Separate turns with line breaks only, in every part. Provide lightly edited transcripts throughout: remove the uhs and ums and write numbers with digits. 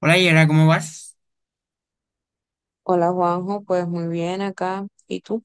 Hola Yera, ¿cómo vas?
Hola Juanjo, pues muy bien acá. ¿Y tú?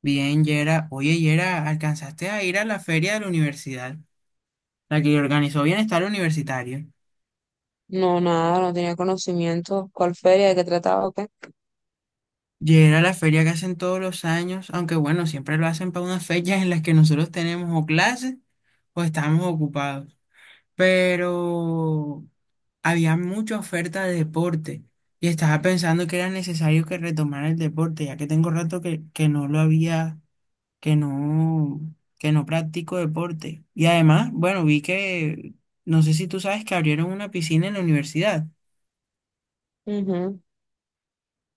Bien, Yera. Oye, Yera, ¿alcanzaste a ir a la feria de la universidad? La que organizó Bienestar Universitario.
No, nada, no tenía conocimiento. ¿Cuál feria? ¿De qué trataba o qué?
Yera, la feria que hacen todos los años, aunque bueno, siempre lo hacen para unas fechas en las que nosotros tenemos o clases o estamos ocupados. Pero había mucha oferta de deporte y estaba pensando que era necesario que retomara el deporte, ya que tengo rato que no lo había. Que no, que no practico deporte. Y además, bueno, vi que, no sé si tú sabes que abrieron una piscina en la universidad.
Ujú.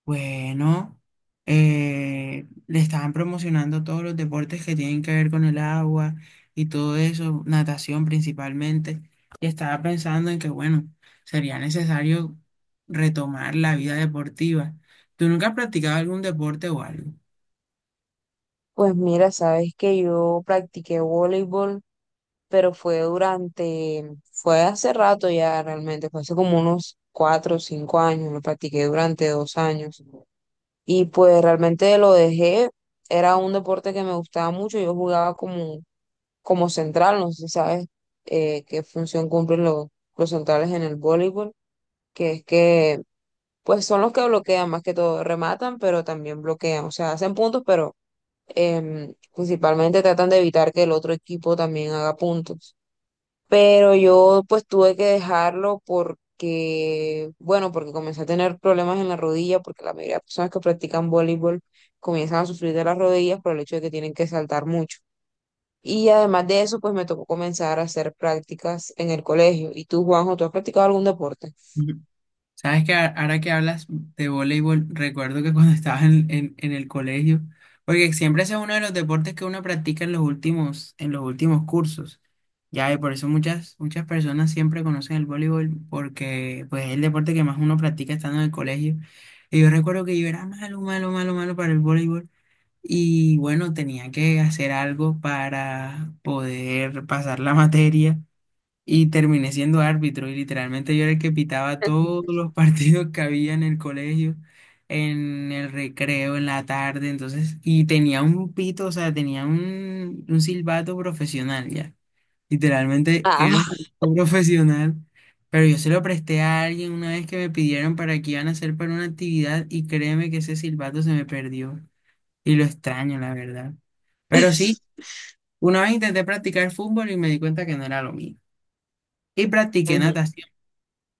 Bueno, le estaban promocionando todos los deportes que tienen que ver con el agua y todo eso, natación principalmente. Y estaba pensando en que, bueno, sería necesario retomar la vida deportiva. ¿Tú nunca has practicado algún deporte o algo?
Pues mira, sabes que yo practiqué voleibol, pero fue hace rato ya realmente, fue hace como unos 4 o 5 años, lo practiqué durante 2 años. Y pues realmente lo dejé, era un deporte que me gustaba mucho, como central, no sé si sabes qué función cumplen los centrales en el voleibol que es que pues son los que bloquean más que todo, rematan, pero también bloquean, o sea, hacen puntos, pero principalmente tratan de evitar que el otro equipo también haga puntos. Pero yo pues tuve que dejarlo porque, bueno, porque comencé a tener problemas en la rodilla, porque la mayoría de personas que practican voleibol comienzan a sufrir de las rodillas por el hecho de que tienen que saltar mucho. Y además de eso, pues me tocó comenzar a hacer prácticas en el colegio. ¿Y tú, Juanjo, tú has practicado algún deporte?
Sabes que ahora que hablas de voleibol, recuerdo que cuando estaba en el colegio, porque siempre ese es uno de los deportes que uno practica en los últimos cursos. Ya, y por eso muchas, muchas personas siempre conocen el voleibol, porque pues es el deporte que más uno practica estando en el colegio. Y yo recuerdo que yo era malo, malo, malo, malo para el voleibol. Y bueno, tenía que hacer algo para poder pasar la materia. Y terminé siendo árbitro y literalmente yo era el que pitaba todos los partidos que había en el colegio, en el recreo, en la tarde, entonces, y tenía un pito, o sea, tenía un silbato profesional ya. Literalmente era un
Ah,
silbato profesional, pero yo se lo presté a alguien una vez que me pidieron para que iban a hacer para una actividad y créeme que ese silbato se me perdió y lo extraño, la verdad. Pero sí, una vez intenté practicar fútbol y me di cuenta que no era lo mío. Y practiqué
ujú.
natación,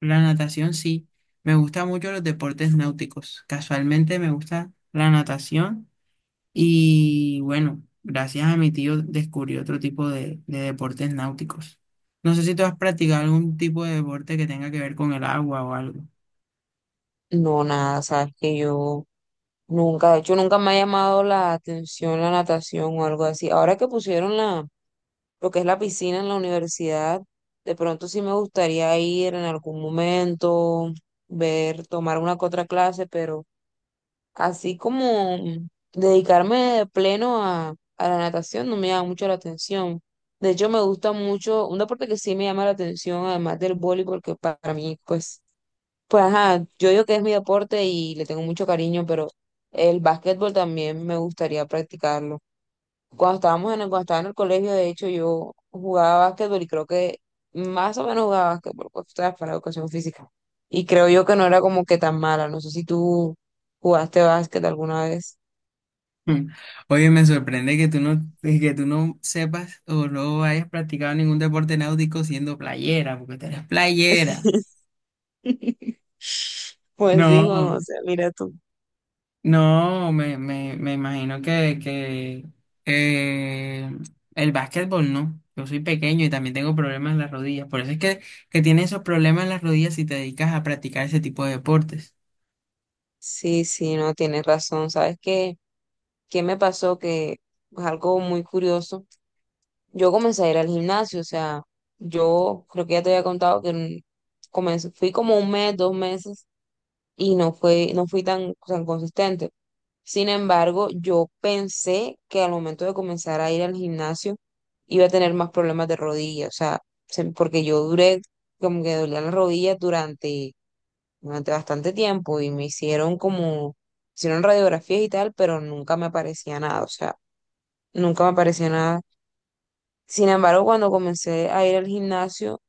la natación sí. Me gusta mucho los deportes náuticos. Casualmente me gusta la natación y bueno, gracias a mi tío descubrí otro tipo de deportes náuticos. No sé si tú has practicado algún tipo de deporte que tenga que ver con el agua o algo.
No, nada, sabes que yo nunca, de hecho, nunca me ha llamado la atención la natación o algo así. Ahora que pusieron la, lo que es la piscina en la universidad, de pronto sí me gustaría ir en algún momento, ver, tomar una que otra clase, pero así como dedicarme de pleno a la natación no me llama mucho la atención. De hecho, me gusta mucho, un deporte que sí me llama la atención, además del voleibol, que para mí, pues ajá, yo digo que es mi deporte y le tengo mucho cariño, pero el básquetbol también me gustaría practicarlo. Cuando estaba en el colegio, de hecho, yo jugaba básquetbol y creo que más o menos jugaba básquetbol, pues, tú sabes, para la educación física. Y creo yo que no era como que tan mala. No sé si tú jugaste básquet alguna vez.
Mm. Oye, me sorprende que tú no sepas o no hayas practicado ningún deporte náutico siendo playera, porque tú eres playera.
Pues sí, Juan, o
No.
sea, mira tú.
No, me imagino que eh, el básquetbol no. Yo soy pequeño y también tengo problemas en las rodillas. Por eso es que tienes esos problemas en las rodillas si te dedicas a practicar ese tipo de deportes.
Sí, sí, no, tienes razón. ¿Sabes qué? ¿Qué me pasó? Que es algo muy curioso. Yo comencé a ir al gimnasio, o sea, yo creo que ya te había contado que comencé, fui como 1 mes, 2 meses y no fui tan consistente. Sin embargo, yo pensé que al momento de comenzar a ir al gimnasio iba a tener más problemas de rodilla, o sea, porque yo duré, como que dolía la rodilla durante, durante bastante tiempo y hicieron radiografías y tal, pero nunca me aparecía nada, o sea, nunca me aparecía nada. Sin embargo, cuando comencé a ir al gimnasio,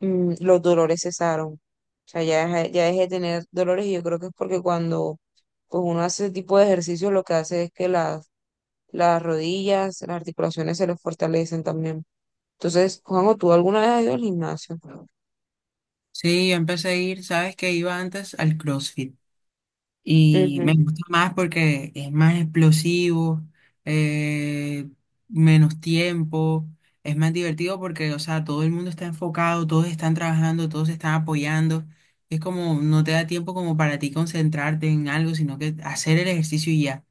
los dolores cesaron. O sea, ya dejé de tener dolores y yo creo que es porque cuando pues, uno hace ese tipo de ejercicio, lo que hace es que las rodillas, las articulaciones se les fortalecen también. Entonces, Juanjo, ¿tú alguna vez has ido al gimnasio?
Sí, yo empecé a ir, sabes que iba antes al CrossFit. Y me
Ujú.
gusta más porque es más explosivo, eh, menos tiempo, es más divertido porque, o sea, todo el mundo está enfocado, todos están trabajando, todos se están apoyando. Es como, no te da tiempo como para ti concentrarte en algo, sino que hacer el ejercicio y ya.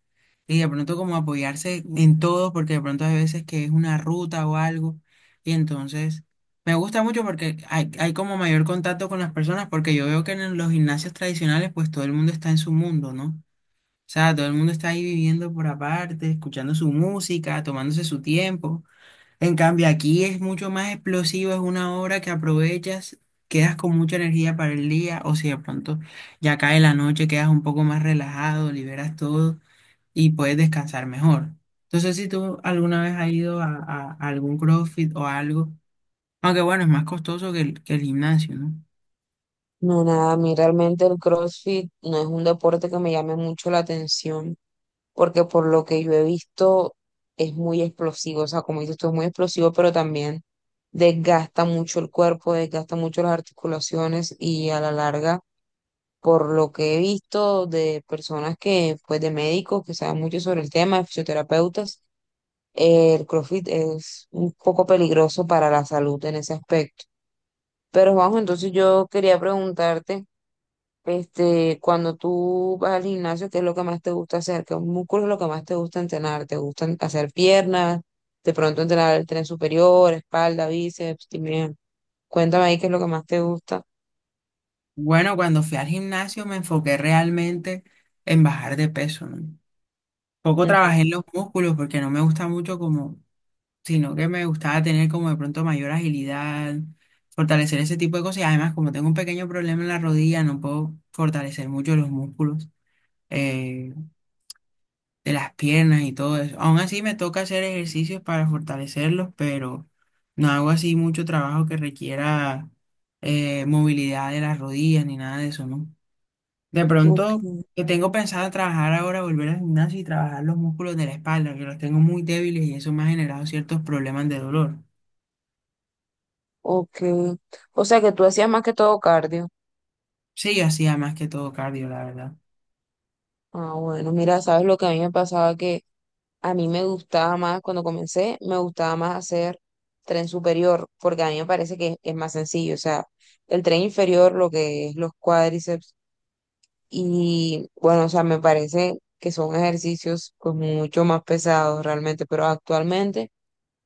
Y de pronto como apoyarse en todo, porque de pronto hay veces que es una ruta o algo, y entonces me gusta mucho porque hay como mayor contacto con las personas, porque yo veo que en los gimnasios tradicionales pues todo el mundo está en su mundo, ¿no? O sea, todo el mundo está ahí viviendo por aparte, escuchando su música, tomándose su tiempo. En cambio, aquí es mucho más explosivo, es una hora que aprovechas, quedas con mucha energía para el día, o si de pronto ya cae la noche, quedas un poco más relajado, liberas todo y puedes descansar mejor. Entonces, si tú alguna vez has ido a algún CrossFit o algo, aunque bueno, es más costoso que que el gimnasio, ¿no?
No, nada, a mí realmente el CrossFit no es un deporte que me llame mucho la atención. Porque por lo que yo he visto es muy explosivo, o sea, como dices tú, es muy explosivo, pero también desgasta mucho el cuerpo, desgasta mucho las articulaciones y a la larga, por lo que he visto de personas que, pues de médicos que saben mucho sobre el tema, de fisioterapeutas, el CrossFit es un poco peligroso para la salud en ese aspecto. Pero Juanjo, entonces yo quería preguntarte. Este, cuando tú vas al gimnasio, ¿qué es lo que más te gusta hacer? ¿Qué músculos es lo que más te gusta entrenar? ¿Te gustan hacer piernas? De pronto entrenar el tren superior, espalda, bíceps, también. Cuéntame ahí qué es lo que más te gusta.
Bueno, cuando fui al gimnasio me enfoqué realmente en bajar de peso, ¿no? Poco
Ujú.
trabajé en los músculos porque no me gusta mucho como, sino que me gustaba tener como de pronto mayor agilidad, fortalecer ese tipo de cosas. Y además, como tengo un pequeño problema en la rodilla, no puedo fortalecer mucho los músculos. Eh, de las piernas y todo eso. Aún así me toca hacer ejercicios para fortalecerlos, pero no hago así mucho trabajo que requiera movilidad de las rodillas ni nada de eso, ¿no? De
Ok,
pronto, que tengo pensado trabajar ahora, volver al gimnasio y trabajar los músculos de la espalda, que los tengo muy débiles y eso me ha generado ciertos problemas de dolor.
ok. O sea que tú hacías más que todo cardio.
Sí, yo hacía más que todo cardio, la verdad.
Ah, bueno, mira, sabes lo que a mí me pasaba que a mí me gustaba más cuando comencé, me gustaba más hacer tren superior, porque a mí me parece que es, más sencillo. O sea, el tren inferior, lo que es los cuádriceps. Y bueno, o sea, me parece que son ejercicios pues mucho más pesados realmente, pero actualmente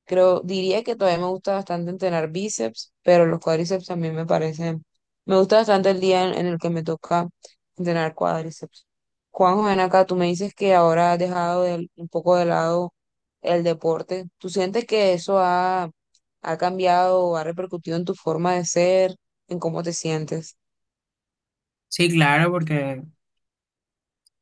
creo, diría que todavía me gusta bastante entrenar bíceps, pero los cuádriceps también me parecen, me gusta bastante el día en el que me toca entrenar cuádriceps. Juanjo, ven acá, tú me dices que ahora has dejado un poco de lado el deporte. ¿Tú sientes que eso ha, ha cambiado o ha repercutido en tu forma de ser, en cómo te sientes?
Sí, claro, porque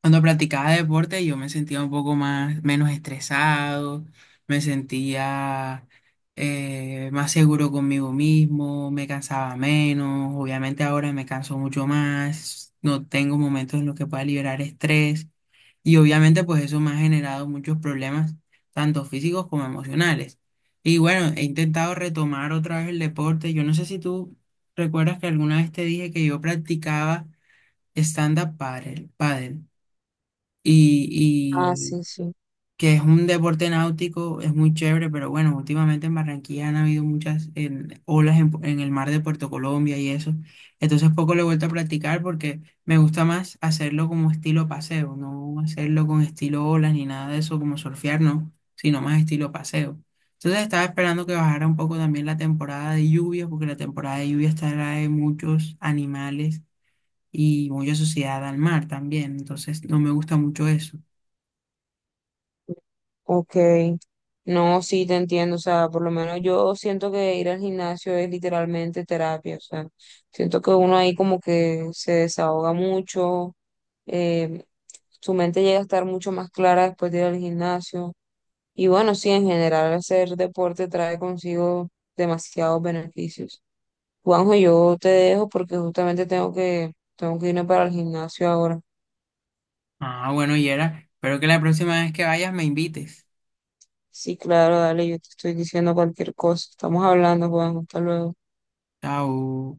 cuando practicaba deporte yo me sentía un poco más, menos estresado, me sentía más seguro conmigo mismo, me cansaba menos, obviamente ahora me canso mucho más, no tengo momentos en los que pueda liberar estrés y obviamente pues eso me ha generado muchos problemas, tanto físicos como emocionales. Y bueno, he intentado retomar otra vez el deporte, yo no sé si tú recuerdas que alguna vez te dije que yo practicaba stand-up paddle, paddle y,
Ah,
y
sí, sí.
que es un deporte náutico, es muy chévere, pero bueno, últimamente en Barranquilla han habido muchas olas en el mar de Puerto Colombia y eso. Entonces poco lo he vuelto a practicar porque me gusta más hacerlo como estilo paseo, no hacerlo con estilo olas ni nada de eso, como surfear, no, sino más estilo paseo. Entonces estaba esperando que bajara un poco también la temporada de lluvias, porque la temporada de lluvias trae muchos animales y mucha suciedad al mar también, entonces no me gusta mucho eso.
Ok, no, sí te entiendo, o sea, por lo menos yo siento que ir al gimnasio es literalmente terapia, o sea, siento que uno ahí como que se desahoga mucho, eh, su mente llega a estar mucho más clara después de ir al gimnasio y bueno, sí, en general hacer deporte trae consigo demasiados beneficios. Juanjo, yo te dejo porque justamente tengo que irme para el gimnasio ahora.
Ah, bueno, Yera, espero que la próxima vez que vayas me invites.
Sí, claro, dale, yo te estoy diciendo cualquier cosa, estamos hablando, Juanjo, hasta luego.
Chao.